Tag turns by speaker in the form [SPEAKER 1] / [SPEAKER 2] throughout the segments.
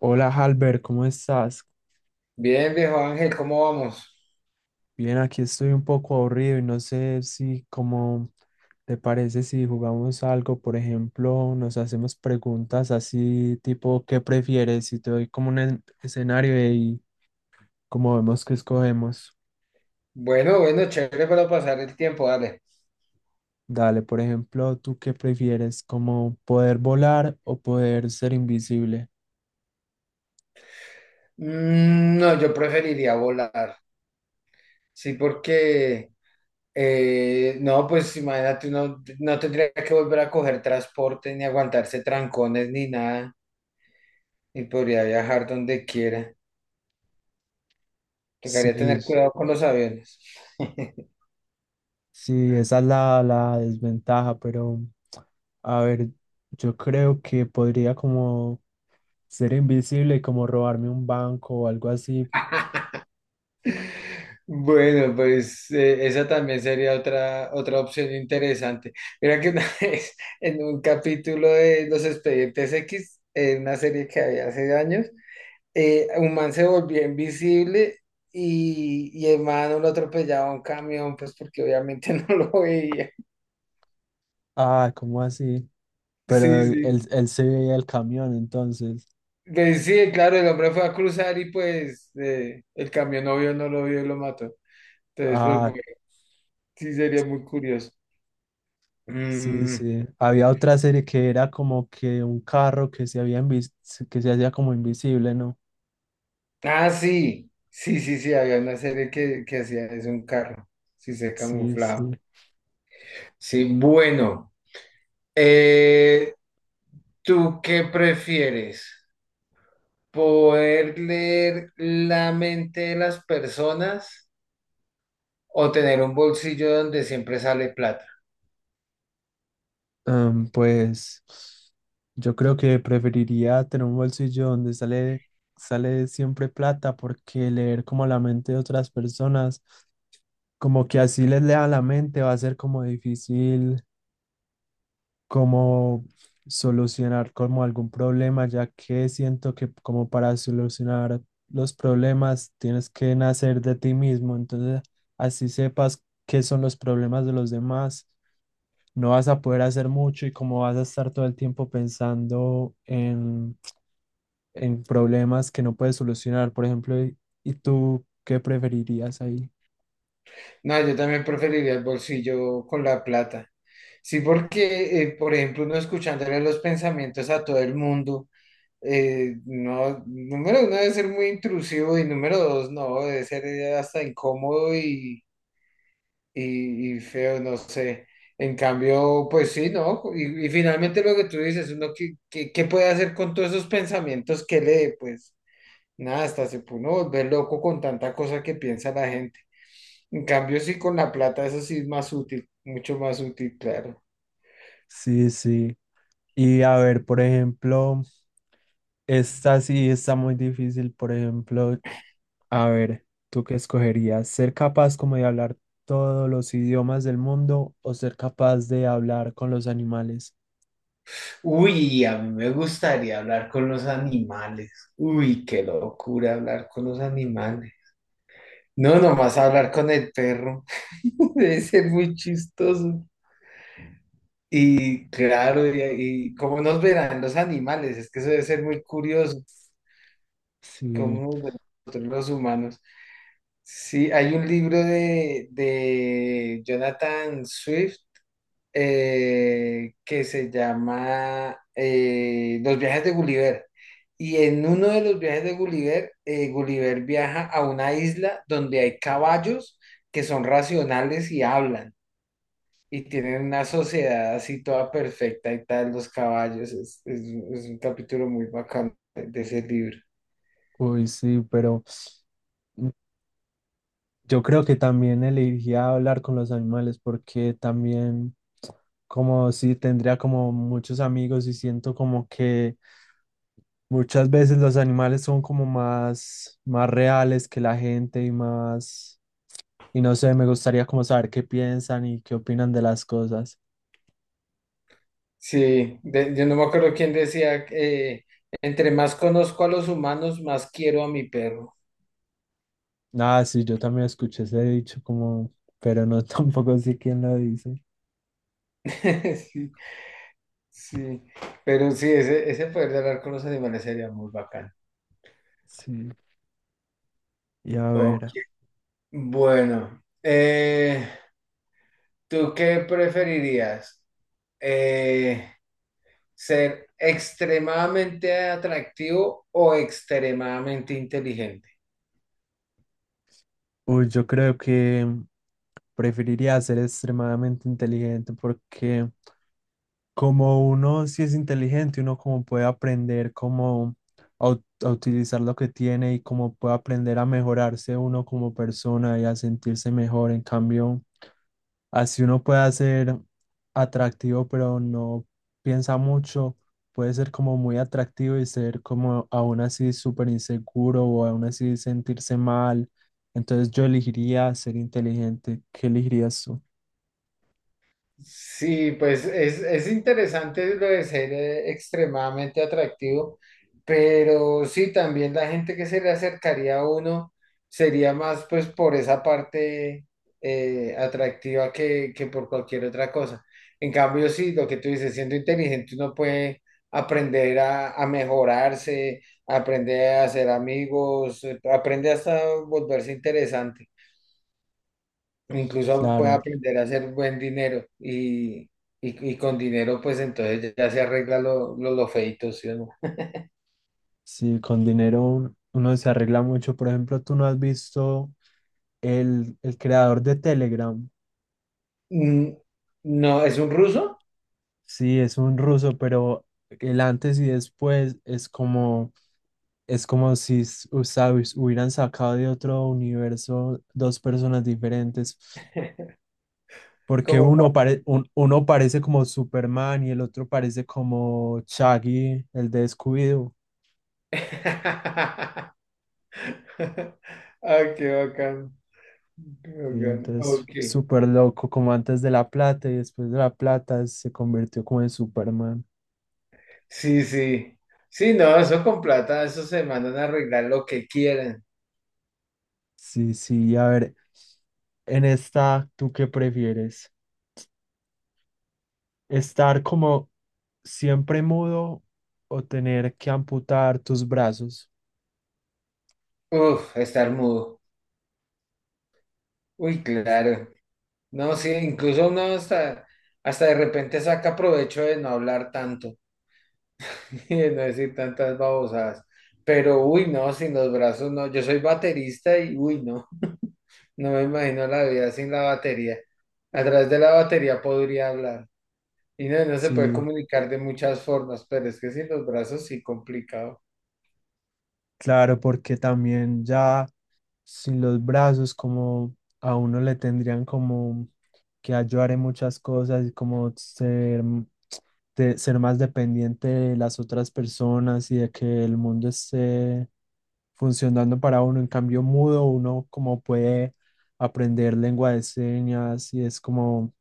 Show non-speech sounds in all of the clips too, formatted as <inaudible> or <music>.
[SPEAKER 1] Hola, Halber, ¿cómo estás?
[SPEAKER 2] Bien, viejo Ángel, ¿cómo vamos?
[SPEAKER 1] Bien, aquí estoy un poco aburrido y no sé si, como te parece, si jugamos algo, por ejemplo, nos hacemos preguntas así, tipo, ¿qué prefieres? Y te doy como un escenario y como vemos que escogemos.
[SPEAKER 2] Bueno, bueno, chévere para pasar el tiempo, dale.
[SPEAKER 1] Dale, por ejemplo, ¿tú qué prefieres? ¿Como poder volar o poder ser invisible?
[SPEAKER 2] Mm, no, yo preferiría volar. Sí, porque, no, pues imagínate, uno no tendría que volver a coger transporte, ni aguantarse trancones, ni nada, y podría viajar donde quiera. Tocaría tener
[SPEAKER 1] Sí,
[SPEAKER 2] cuidado con los aviones. <laughs>
[SPEAKER 1] sí, esa es la desventaja, pero a ver, yo creo que podría como ser invisible, como robarme un banco o algo así.
[SPEAKER 2] Bueno, pues esa también sería otra opción interesante. Mira que una <laughs> vez en un capítulo de Los Expedientes X, en una serie que había hace años, un man se volvió invisible y el man lo atropellaba un camión, pues porque obviamente <laughs> no lo veía.
[SPEAKER 1] Ah, ¿cómo así? Pero
[SPEAKER 2] Sí,
[SPEAKER 1] él, él,
[SPEAKER 2] sí.
[SPEAKER 1] él se veía el camión, entonces.
[SPEAKER 2] Pues sí, claro, el hombre fue a cruzar y pues el camión no vio, no lo vio y lo mató. Entonces, pues
[SPEAKER 1] Ah,
[SPEAKER 2] bueno, sí sería muy curioso.
[SPEAKER 1] sí,
[SPEAKER 2] Mm.
[SPEAKER 1] sí. Había otra serie que era como que un carro que se había que se hacía como invisible, ¿no?
[SPEAKER 2] Ah, sí, sí, sí, sí, había una serie que hacía eso, un carro, sí, se
[SPEAKER 1] Sí,
[SPEAKER 2] camuflaba.
[SPEAKER 1] sí.
[SPEAKER 2] Sí, bueno, eh, ¿tú qué prefieres? ¿Poder leer la mente de las personas o tener un bolsillo donde siempre sale plata?
[SPEAKER 1] Pues yo creo que preferiría tener un bolsillo donde sale siempre plata, porque leer como la mente de otras personas, como que así les lea la mente, va a ser como difícil como solucionar como algún problema, ya que siento que como para solucionar los problemas tienes que nacer de ti mismo, entonces así sepas qué son los problemas de los demás, no vas a poder hacer mucho y como vas a estar todo el tiempo pensando en problemas que no puedes solucionar. Por ejemplo, y tú qué preferirías ahí?
[SPEAKER 2] No, yo también preferiría el bolsillo con la plata. Sí, porque, por ejemplo, uno escuchándole los pensamientos a todo el mundo. No, número uno debe ser muy intrusivo y número dos no, debe ser hasta incómodo y, y feo, no sé. En cambio, pues sí, ¿no? Y finalmente lo que tú dices, uno qué, qué, qué puede hacer con todos esos pensamientos que lee, pues nada, hasta se puede uno volver loco con tanta cosa que piensa la gente. En cambio, sí, con la plata, eso sí es más útil, mucho más útil, claro.
[SPEAKER 1] Sí, sí. Y a ver, por ejemplo, esta sí está muy difícil. Por ejemplo, a ver, ¿tú qué escogerías? ¿Ser capaz como de hablar todos los idiomas del mundo o ser capaz de hablar con los animales?
[SPEAKER 2] Uy, a mí me gustaría hablar con los animales. Uy, qué locura hablar con los animales. No, nomás hablar con el perro. <laughs> Debe ser muy chistoso. Y claro, y cómo nos verán los animales, es que eso debe ser muy curioso,
[SPEAKER 1] Sí,
[SPEAKER 2] cómo nos ven nosotros los humanos. Sí, hay un libro de Jonathan Swift que se llama Los viajes de Gulliver. Y en uno de los viajes de Gulliver, Gulliver viaja a una isla donde hay caballos que son racionales y hablan. Y tienen una sociedad así toda perfecta y tal, los caballos. Es, es un capítulo muy bacán de ese libro.
[SPEAKER 1] uy, sí, pero mm, yo creo que también elegiría hablar con los animales, porque también como si tendría como muchos amigos y siento como que muchas veces los animales son como más, más reales que la gente y más, y no sé, me gustaría como saber qué piensan y qué opinan de las cosas.
[SPEAKER 2] Sí, yo no me acuerdo quién decía, entre más conozco a los humanos, más quiero a mi perro.
[SPEAKER 1] Ah, sí, yo también escuché ese dicho como, pero no <laughs> tampoco sé quién lo dice.
[SPEAKER 2] <laughs> Sí, pero sí, ese poder de hablar con los animales sería muy bacán.
[SPEAKER 1] Sí, y a
[SPEAKER 2] Ok.
[SPEAKER 1] ver.
[SPEAKER 2] Bueno, ¿tú qué preferirías? Eh, ¿Ser extremadamente atractivo o extremadamente inteligente?
[SPEAKER 1] Uy, yo creo que preferiría ser extremadamente inteligente, porque como uno sí es inteligente, uno como puede aprender como a, a utilizar lo que tiene y como puede aprender a mejorarse uno como persona y a sentirse mejor. En cambio, así uno puede ser atractivo, pero no piensa mucho. Puede ser como muy atractivo y ser como aún así súper inseguro o aún así sentirse mal. Entonces yo elegiría ser inteligente. ¿Qué elegirías tú?
[SPEAKER 2] Sí, pues es interesante lo de ser extremadamente atractivo, pero sí, también la gente que se le acercaría a uno sería más pues por esa parte atractiva que por cualquier otra cosa. En cambio, sí, lo que tú dices, siendo inteligente uno puede aprender a mejorarse, aprender a hacer amigos, aprende hasta volverse interesante. Incluso puede
[SPEAKER 1] Claro,
[SPEAKER 2] aprender a hacer buen dinero y con dinero pues entonces ya se arregla lo feíto, ¿sí o no?
[SPEAKER 1] sí, con dinero uno se arregla mucho. Por ejemplo, tú no has visto el creador de Telegram.
[SPEAKER 2] Mm. No, ¿es un ruso?
[SPEAKER 1] Sí, es un ruso, pero el antes y después es como es como si o sea, hubieran sacado de otro universo dos personas diferentes, porque
[SPEAKER 2] Como
[SPEAKER 1] uno,
[SPEAKER 2] cuando...
[SPEAKER 1] uno parece como Superman y el otro parece como Shaggy, el de Scooby-Doo.
[SPEAKER 2] <laughs> Ah, qué bacán. Qué
[SPEAKER 1] Y
[SPEAKER 2] bacán.
[SPEAKER 1] entonces,
[SPEAKER 2] Ok.
[SPEAKER 1] súper loco, como antes de la plata y después de la plata se convirtió como en Superman.
[SPEAKER 2] Sí, sí. Sí, no, eso con plata, eso se mandan a arreglar lo que quieran.
[SPEAKER 1] Sí, sí, a ver, en esta, ¿tú qué prefieres? ¿Estar como siempre mudo o tener que amputar tus brazos?
[SPEAKER 2] Uf, estar mudo. Uy, claro. No, sí, incluso uno hasta, hasta de repente saca provecho de no hablar tanto. <laughs> No decir tantas babosadas. Pero uy, no, sin los brazos no. Yo soy baterista y uy, no. No me imagino la vida sin la batería. A través de la batería podría hablar. Y no, no se puede
[SPEAKER 1] Sí.
[SPEAKER 2] comunicar de muchas formas, pero es que sin los brazos sí complicado.
[SPEAKER 1] Claro, porque también ya sin los brazos, como a uno le tendrían como que ayudar en muchas cosas y como ser, ser más dependiente de las otras personas y de que el mundo esté funcionando para uno. En cambio, mudo, uno como puede aprender lengua de señas y es como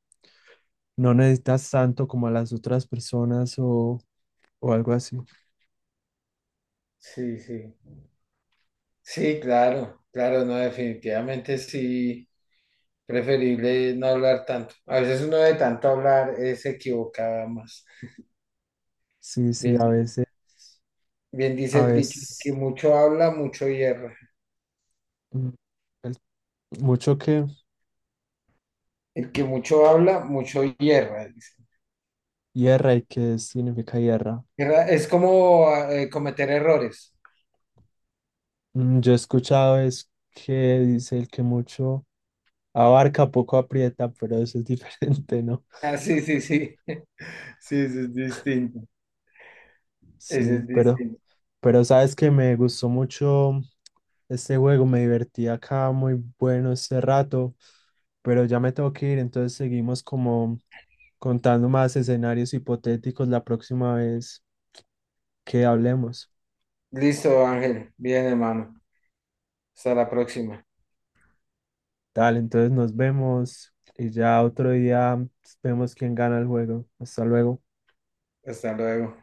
[SPEAKER 1] no necesitas tanto como a las otras personas o algo así.
[SPEAKER 2] Sí, sí. Sí, claro, claro, no, definitivamente sí. Preferible no hablar tanto. A veces uno de tanto hablar se equivoca más.
[SPEAKER 1] Sí, sí, a
[SPEAKER 2] Bien.
[SPEAKER 1] veces.
[SPEAKER 2] Bien dice
[SPEAKER 1] A
[SPEAKER 2] el dicho, el que
[SPEAKER 1] veces,
[SPEAKER 2] mucho habla, mucho hierra.
[SPEAKER 1] mm, el- mucho que
[SPEAKER 2] El que mucho habla, mucho hierra, dice.
[SPEAKER 1] hierra. ¿Y qué significa hierra?
[SPEAKER 2] Hierra es como cometer errores.
[SPEAKER 1] Mm, yo he escuchado es que dice el que mucho abarca, poco aprieta, pero eso es <laughs> diferente, ¿no?
[SPEAKER 2] Ah, sí, sí, sí. Sí, eso es distinto. Eso
[SPEAKER 1] Sí,
[SPEAKER 2] es distinto.
[SPEAKER 1] pero sabes que me gustó mucho este juego, me divertí acá, muy bueno este rato, pero ya me tengo que ir, entonces seguimos como contando más escenarios hipotéticos la próxima vez que hablemos.
[SPEAKER 2] Listo, Ángel. Bien, hermano. Hasta la próxima.
[SPEAKER 1] Tal, entonces nos vemos y ya otro día vemos quién gana el juego. Hasta luego.
[SPEAKER 2] Hasta luego.